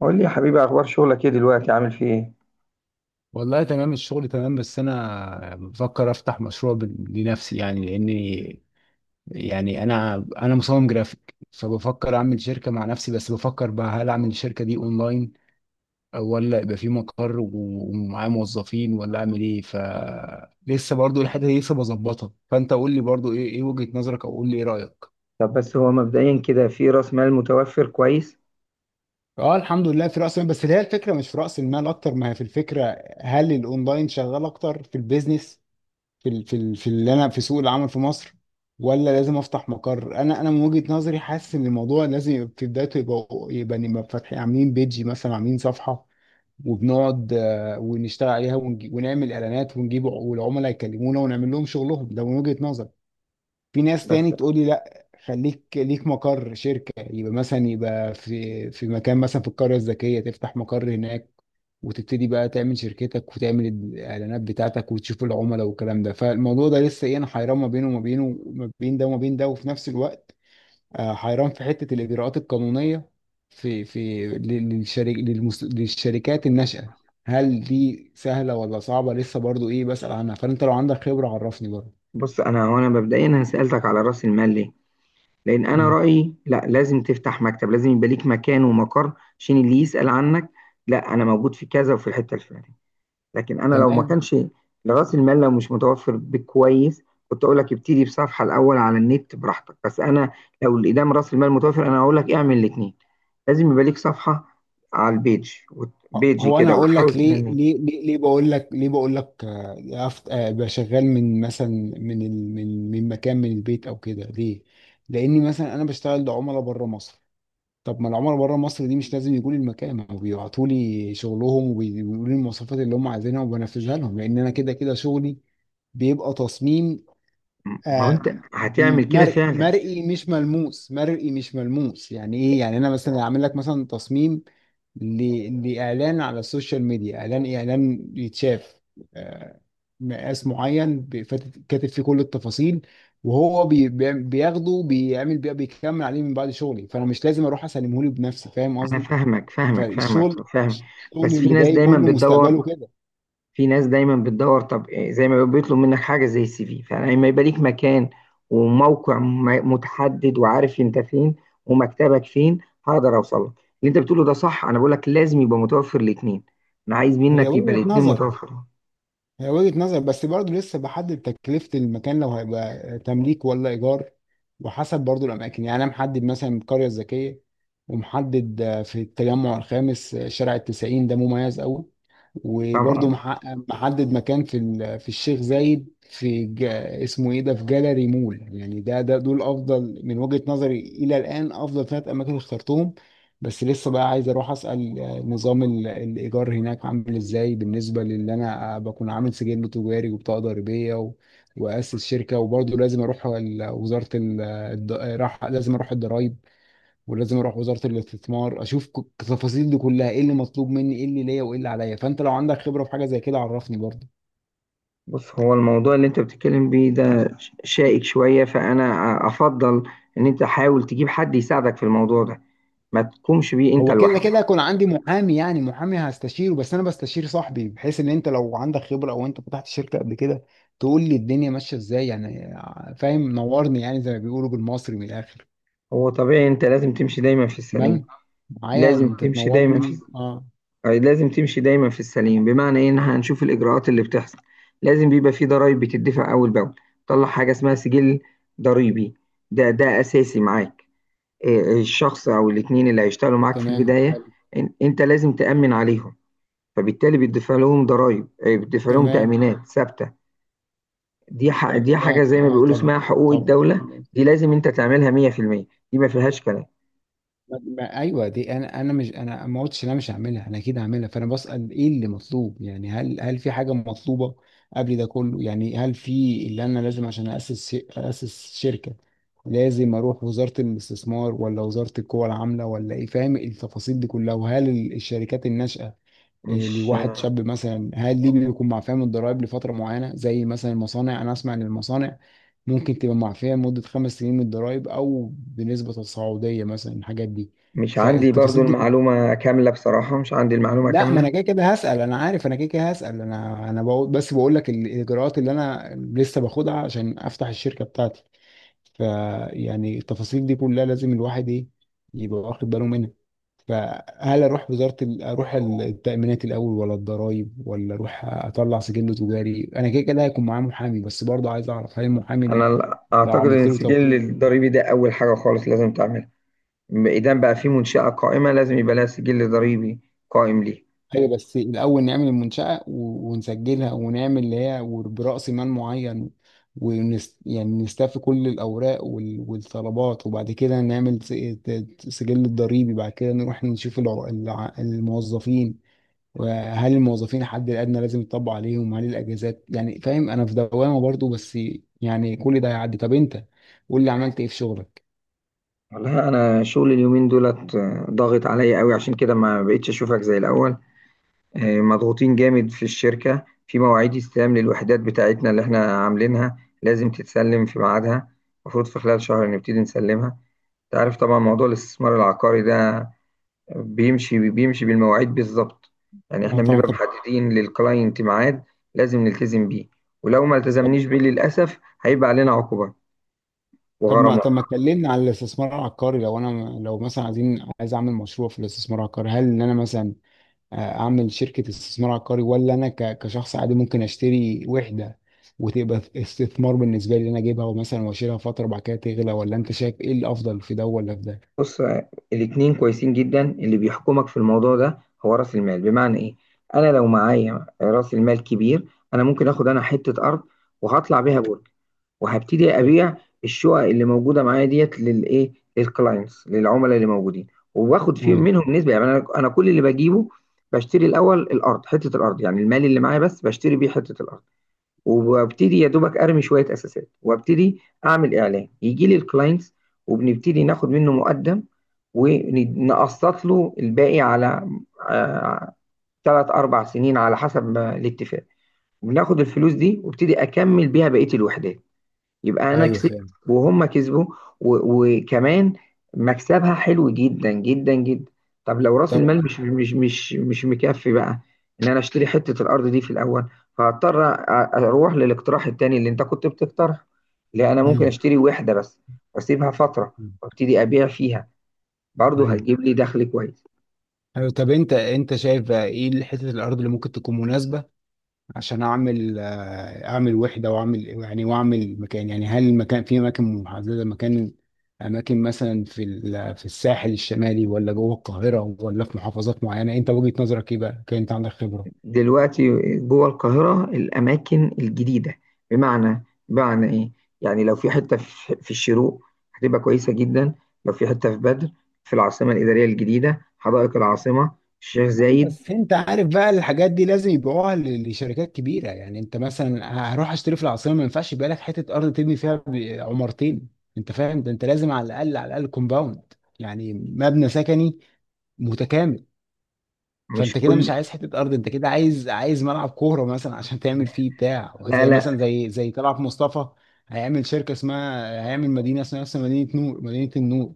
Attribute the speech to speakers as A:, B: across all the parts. A: قول لي يا حبيبي، اخبار شغلك ايه دلوقتي؟ عامل فيه ايه؟
B: والله تمام، الشغل تمام، بس انا بفكر افتح مشروع لنفسي، يعني لاني يعني انا مصمم جرافيك، فبفكر اعمل شركه مع نفسي. بس بفكر بقى، هل اعمل الشركه دي اونلاين، ولا يبقى في مقر ومعايا موظفين، ولا اعمل ايه؟ لسه برضو الحته دي لسه بظبطها. فانت قول لي برضو، ايه وجهه نظرك، او قول لي ايه رايك؟
A: طب بس هو مبدئيا كده في راس مال متوفر كويس؟
B: اه الحمد لله في راس المال، بس هي الفكره مش في راس المال اكتر ما هي في الفكره. هل الاونلاين شغال اكتر في البيزنس في اللي انا في سوق العمل في مصر، ولا لازم افتح مقر؟ انا من وجهة نظري حاسس ان الموضوع لازم يبقى في بدايته، يبقى نبقى فاتحين عاملين بيجي مثلا عاملين صفحة، وبنقعد ونشتغل عليها، ونعمل اعلانات ونجيب، والعملاء يكلمونا ونعمل لهم شغلهم. ده من وجهة نظري. في ناس
A: بس
B: تاني تقول لي، لا خليك ليك مقر شركة، يبقى مثلا يبقى في مكان، مثلا في القرية الذكية تفتح مقر هناك، وتبتدي بقى تعمل شركتك وتعمل الإعلانات بتاعتك وتشوف العملاء والكلام ده. فالموضوع ده لسه إيه، أنا حيران ما بينه وما بينه، ما بين ده وما بين ده. وفي نفس الوقت حيران في حتة الإجراءات القانونية في للشركات الناشئة، هل دي سهلة ولا صعبة؟ لسه برضو إيه بسأل عنها، فأنت لو عندك خبرة عرفني برضو.
A: بص، انا مبدئيا سالتك على راس المال ليه؟ لان انا
B: مم.
A: رايي، لا، لازم تفتح مكتب، لازم يبقى ليك مكان ومقر، عشان اللي يسال عنك، لا، انا موجود في كذا وفي الحته الفلانيه. لكن انا لو ما
B: تمام.
A: كانش راس المال، مش متوفر بكويس، كنت اقول لك ابتدي بصفحه الاول على النت براحتك. بس انا لو الادام راس المال متوفر، انا هقول لك اعمل الاثنين. لازم يبقى ليك صفحه على البيج، بيجي
B: هو انا
A: كده
B: اقول
A: وتحاول
B: لك ليه،
A: تنمي.
B: بقول لك ليه، بقول لك آه، يا أفت- آه، ابقى شغال من مثلا، من مكان، من البيت او كده، ليه؟ لاني مثلا انا بشتغل لعملاء بره مصر، طب ما العملاء بره مصر دي مش لازم يجوا لي المكان، ما هو بيبعتوا لي شغلهم وبيقولوا لي المواصفات اللي هم عايزينها وبنفذها لهم، لان انا كده كده شغلي بيبقى تصميم.
A: ما هو
B: آه.
A: انت هتعمل كده
B: مرئي
A: فعلا.
B: مرئي مش ملموس، مرئي مش ملموس. يعني ايه، يعني انا مثلا اعمل لك مثلا تصميم لاعلان على السوشيال ميديا، اعلان يتشاف. آه. مقاس معين، كاتب فيه كل التفاصيل. وهو بياخده بيعمل بيه بيكمل عليه من بعد شغلي، فانا مش لازم اروح اسلمه له بنفسي، فاهم
A: انا
B: قصدي؟
A: فاهمك،
B: فالشغل
A: فاهم.
B: الشغل
A: بس في
B: اللي
A: ناس
B: جاي
A: دايما
B: كله مستقبله
A: بتدور
B: كده.
A: في ناس دايما بتدور طب إيه، زي ما بيطلب منك حاجه زي السي في، فلما يبقى ليك مكان وموقع متحدد، وعارف انت فين ومكتبك فين، هقدر اوصل لك. اللي انت بتقوله ده صح، انا بقول لك لازم يبقى متوفر الاثنين، انا عايز
B: هي
A: منك يبقى
B: وجهة
A: الاثنين
B: نظر،
A: متوفرين.
B: هي وجهة نظر، بس برضه لسه بحدد تكلفة المكان، لو هيبقى تمليك ولا إيجار. وحسب برضه الأماكن، يعني أنا محدد مثلا القرية الذكية، ومحدد في التجمع الخامس، شارع التسعين، ده مميز أوي. وبرضه
A: طبعا.
B: محدد مكان في الشيخ زايد، اسمه ايه ده، في جاليري مول. يعني ده ده دول افضل من وجهة نظري، الى الان افضل ثلاث اماكن اخترتهم. بس لسه بقى عايز اروح اسال نظام الايجار هناك عامل ازاي، بالنسبه للي انا بكون عامل سجل تجاري وبطاقه ضريبيه واسس شركه. وبرضه لازم اروح ال- وزاره ال... الض- راح لازم اروح الضرايب، ولازم اروح وزاره الاستثمار، اشوف التفاصيل دي كلها، ايه اللي مطلوب مني، ايه اللي ليا، وايه اللي عليا. فانت لو عندك خبره في حاجه زي كده عرفني برضه.
A: بص، هو الموضوع اللي انت بتتكلم بيه ده شائك شويه، فانا افضل ان انت حاول تجيب حد يساعدك في الموضوع ده، ما تقومش بيه انت
B: هو كده
A: لوحدك.
B: كده هيكون عندي محامي، يعني محامي هستشيره، بس انا بستشير صاحبي، بحيث ان انت لو عندك خبره او انت فتحت شركه قبل كده تقول لي الدنيا ماشيه ازاي، يعني فاهم؟ نورني يعني، زي ما بيقولوا بالمصري من الاخر.
A: هو طبيعي، انت لازم تمشي دايما في السليم.
B: تمام، معايا،
A: لازم
B: انت
A: تمشي دايما في
B: تنورني. اه،
A: لازم تمشي دايما في السليم، بمعنى ايه؟ ان إحنا هنشوف الاجراءات اللي بتحصل. لازم بيبقى في ضرائب بتدفع اول باول. طلع حاجه اسمها سجل ضريبي، ده اساسي معاك. إيه، الشخص او الاتنين اللي هيشتغلوا معاك في
B: تمام،
A: البدايه،
B: حلو.
A: انت لازم تامن عليهم، فبالتالي بتدفع لهم ضرائب، إيه، بتدفع لهم
B: تمام،
A: تامينات ثابته. دي
B: تمام،
A: حاجه زي ما
B: اه
A: بيقولوا
B: طبعا،
A: اسمها حقوق
B: طبعا.
A: الدوله. دي لازم انت تعملها 100%، دي ما فيهاش كلام.
B: ايوه دي، انا مش انا ما قلتش إن انا مش هعملها، انا اكيد هعملها. فانا بسأل ايه اللي مطلوب، يعني هل في حاجه مطلوبه قبل ده كله؟ يعني هل في، اللي انا لازم عشان اسس اسس شركه، لازم اروح وزاره الاستثمار، ولا وزاره القوى العامله، ولا ايه، فاهم؟ التفاصيل دي كلها. وهل الشركات الناشئه إيه،
A: مش
B: لواحد شاب مثلا، هل دي بيكون معفية من الضرائب لفترة معينة، زي مثلا المصانع؟ أنا أسمع إن المصانع ممكن تبقى معفية لمدة 5 سنين من الضرائب، أو بنسبة تصاعدية مثلا. الحاجات دي،
A: مش عندي برضو
B: فالتفاصيل دي كلها.
A: المعلومه كامله، بصراحه مش عندي المعلومه
B: لا، ما
A: كامله.
B: أنا كده كده هسأل، أنا عارف أنا كده كده هسأل، أنا بقول، بس بقول لك الإجراءات اللي أنا لسه باخدها عشان أفتح الشركة بتاعتي. فيعني التفاصيل دي كلها لازم الواحد إيه، يبقى واخد باله منها. فهل اروح وزاره ال- اروح التامينات الاول، ولا الضرايب، ولا اروح اطلع سجل تجاري؟ انا كده كده هيكون معايا محامي، بس برضه عايز اعرف، هل المحامي
A: انا
B: ده لو
A: اعتقد ان
B: عملت له
A: السجل
B: توكيل؟
A: الضريبي ده اول حاجه خالص لازم تعملها. اذا بقى في منشاه قائمه، لازم يبقى لها سجل ضريبي قائم ليه.
B: ايوه، بس الاول نعمل المنشاه ونسجلها ونعمل اللي هي براس مال معين، يعني نستفي كل الاوراق والطلبات، وبعد كده نعمل سجل الضريبي، بعد كده نروح نشوف الموظفين. وهل الموظفين الحد الادنى لازم يطبق عليهم، هل الاجازات؟ يعني فاهم، انا في دوامه برضو، بس يعني كل ده هيعدي. طب انت قول لي عملت ايه في شغلك؟
A: والله انا شغل اليومين دولت ضاغط عليا قوي، عشان كده ما بقتش اشوفك زي الاول. مضغوطين جامد في الشركه، في مواعيد استلام للوحدات بتاعتنا اللي احنا عاملينها، لازم تتسلم في ميعادها. المفروض في خلال شهر نبتدي نسلمها. انت عارف طبعا موضوع الاستثمار العقاري ده بيمشي بالمواعيد بالظبط. يعني
B: اه
A: احنا
B: طبعا.
A: بنبقى محددين للكلاينت ميعاد، لازم نلتزم بيه. ولو ما
B: طب
A: التزمنيش بيه، للأسف هيبقى علينا عقوبة وغرامات.
B: طب ما اتكلمنا على الاستثمار العقاري، لو مثلا عايز اعمل مشروع في الاستثمار العقاري، هل ان انا مثلا اعمل شركه استثمار عقاري، ولا انا كشخص عادي ممكن اشتري وحده وتبقى استثمار بالنسبه لي، ان انا اجيبها ومثلا واشيلها فتره وبعد كده تغلى؟ ولا انت شايف ايه الافضل، في ده ولا في ده؟
A: بص، الاتنين كويسين جدا. اللي بيحكمك في الموضوع ده هو رأس المال. بمعنى ايه؟ انا لو معايا رأس المال كبير، انا ممكن اخد انا حتة ارض، وهطلع بيها برج، وهبتدي
B: طب-
A: ابيع الشقق اللي موجودة معايا ديت للايه؟ للكلاينتس، للعملاء اللي موجودين. وباخد
B: أيوه،
A: منهم نسبة. يعني انا كل اللي بجيبه، بشتري الاول الارض، حتة الارض. يعني المال اللي معايا بس بشتري بيه حتة الارض، وببتدي يا دوبك ارمي شويه اساسات وابتدي اعمل اعلان يجي لي الكلاينتس، وبنبتدي ناخد منه مقدم ونقسط له الباقي على ثلاث اربع سنين على حسب ما الاتفاق. بناخد الفلوس دي وابتدي اكمل بيها بقيه الوحدات. يبقى انا
B: ايوه،
A: كسبت
B: فاهم
A: وهم كسبوا، وكمان مكسبها حلو جدا جدا جدا. طب لو راس المال
B: طبعا.
A: مش مكفي بقى، ان انا اشتري حتة الارض دي في الاول، فهضطر اروح للاقتراح التاني اللي انت كنت بتقترحه، لا، انا ممكن
B: مم.
A: اشتري وحدة بس، واسيبها فترة، وابتدي ابيع فيها، برضه
B: ايوه،
A: هتجيب لي دخل كويس.
B: ايوه. طب انت شايف بقى ايه حتة الارض اللي ممكن تكون مناسبة عشان اعمل اعمل وحدة، واعمل يعني، واعمل مكان؟ يعني هل المكان في اماكن محددة، مكان، اماكن مثلا في الساحل الشمالي، ولا جوه القاهرة، ولا في محافظات معينة؟ انت وجهة نظرك ايه بقى، كان انت عندك خبرة.
A: دلوقتي جوه القاهرة الأماكن الجديدة، بمعنى إيه؟ يعني لو في حتة في الشروق، هتبقى كويسة جدا. لو في حتة في بدر، في العاصمة الإدارية الجديدة، حدائق العاصمة، الشيخ زايد.
B: بس انت عارف بقى الحاجات دي لازم يبيعوها لشركات كبيره، يعني انت مثلا هروح اشتري في العاصمه، ما ينفعش يبقى لك حته ارض تبني فيها عمارتين، انت فاهم ده؟ انت لازم على الاقل، على الاقل كومباوند، يعني مبنى سكني متكامل.
A: مش
B: فانت كده مش
A: كل،
B: عايز حته ارض، انت كده عايز، عايز ملعب كوره مثلا عشان تعمل فيه بتاع،
A: لا،
B: وزي
A: لا،
B: مثلا، زي طلعت مصطفى هيعمل شركه اسمها، هيعمل مدينه اسمها نفس مدينه نور، مدينه النور.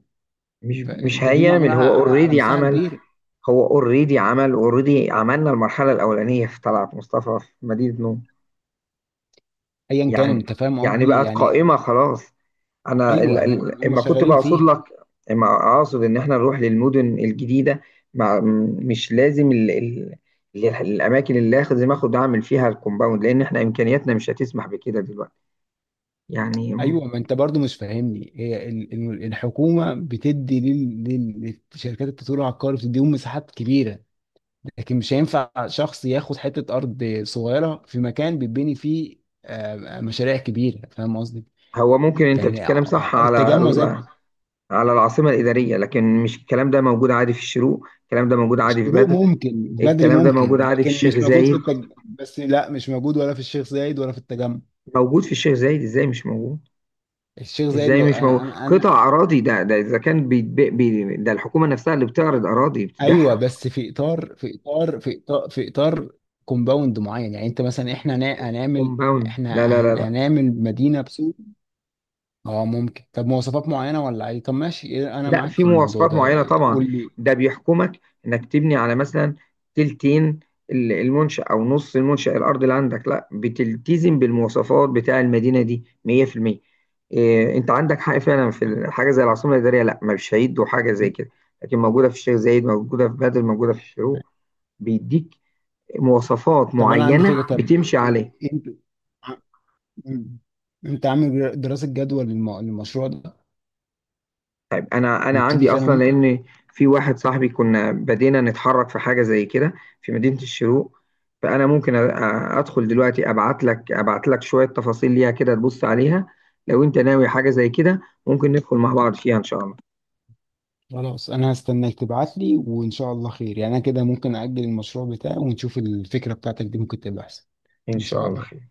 A: مش
B: فانت دي معموله
A: هيعمل.
B: على
A: هو اوريدي
B: مساحه
A: عمل،
B: كبيره.
A: اوريدي عملنا المرحلة الأولانية في طلعت مصطفى في مدينة نوم.
B: ايا كان،
A: يعني،
B: انت فاهم
A: يعني
B: قصدي
A: بقت
B: يعني.
A: قائمة خلاص. انا
B: ايوه، ما يعني هم
A: اما كنت
B: شغالين
A: بقصد
B: فيها.
A: لك، اما اقصد ان احنا نروح للمدن الجديده، مع مش لازم الاماكن اللي اخد، زي ما اخد اعمل فيها الكومباوند، لان احنا امكانياتنا مش هتسمح بكده دلوقتي يعني.
B: ايوه، ما انت برضو مش فاهمني، هي الحكومه بتدي لشركات التطوير العقاري، بتديهم مساحات كبيره، لكن مش هينفع شخص ياخد حته ارض صغيره في مكان بيتبني فيه مشاريع كبيره، فاهم قصدي؟
A: هو ممكن انت
B: يعني
A: بتتكلم صح على
B: التجمع زي
A: على العاصمه الاداريه، لكن مش الكلام ده موجود عادي في الشروق، الكلام ده موجود عادي في
B: الشروق
A: بدر،
B: ممكن، بدري
A: الكلام ده موجود
B: ممكن،
A: عادي في
B: لكن
A: الشيخ
B: مش موجود
A: زايد.
B: في بس لا، مش موجود، ولا في الشيخ زايد، ولا في التجمع.
A: موجود في الشيخ زايد، ازاي مش موجود؟
B: الشيخ زايد،
A: ازاي
B: لو
A: مش مو...
B: انا، انا
A: قطع اراضي، ده اذا كان بيتبيع ده الحكومه نفسها اللي بتعرض اراضي
B: ايوه،
A: بتبيعها.
B: بس في اطار، كومباوند معين، يعني انت مثلا احنا هنا- هنعمل
A: كومباوند، لا، لا،
B: احنا
A: لا،
B: هن-
A: لا،
B: هنعمل، مدينه بسوق. اه ممكن، طب مواصفات معينه ولا عادي، طب ماشي إيه، انا
A: لا،
B: معاك
A: في
B: في الموضوع
A: مواصفات
B: ده.
A: معينه
B: إيه،
A: طبعا.
B: قول لي.
A: ده بيحكمك، انك تبني على مثلا تلتين المنشأ، او نص المنشأ الارض اللي عندك، لا، بتلتزم بالمواصفات بتاع المدينه دي 100%. إيه، انت عندك حق فعلا في حاجه زي العاصمه الاداريه، لا، مش هيدوا حاجه زي كده. لكن موجوده في الشيخ زايد، موجوده في بدر، موجوده في الشروق، بيديك مواصفات
B: طب انا عندي
A: معينة
B: فكره، طب إيه-
A: بتمشي
B: إيه،
A: عليه.
B: انت ع- مم. انت عامل دراسه جدوى للمشروع ده؟
A: طيب، انا
B: نبتدي
A: عندي
B: فيه انا
A: اصلا،
B: وانت.
A: لان في واحد صاحبي كنا بدينا نتحرك في حاجة زي كده في مدينة الشروق. فانا ممكن ادخل دلوقتي، ابعت لك شوية تفاصيل ليها كده تبص عليها. لو انت ناوي حاجة زي كده، ممكن ندخل مع بعض فيها ان شاء الله.
B: خلاص انا هستناك تبعت لي، وان شاء الله خير. يعني انا كده ممكن اجل المشروع بتاعي، ونشوف الفكره بتاعتك دي ممكن تبقى احسن.
A: ان
B: ان
A: شاء
B: شاء
A: الله
B: الله.
A: خير.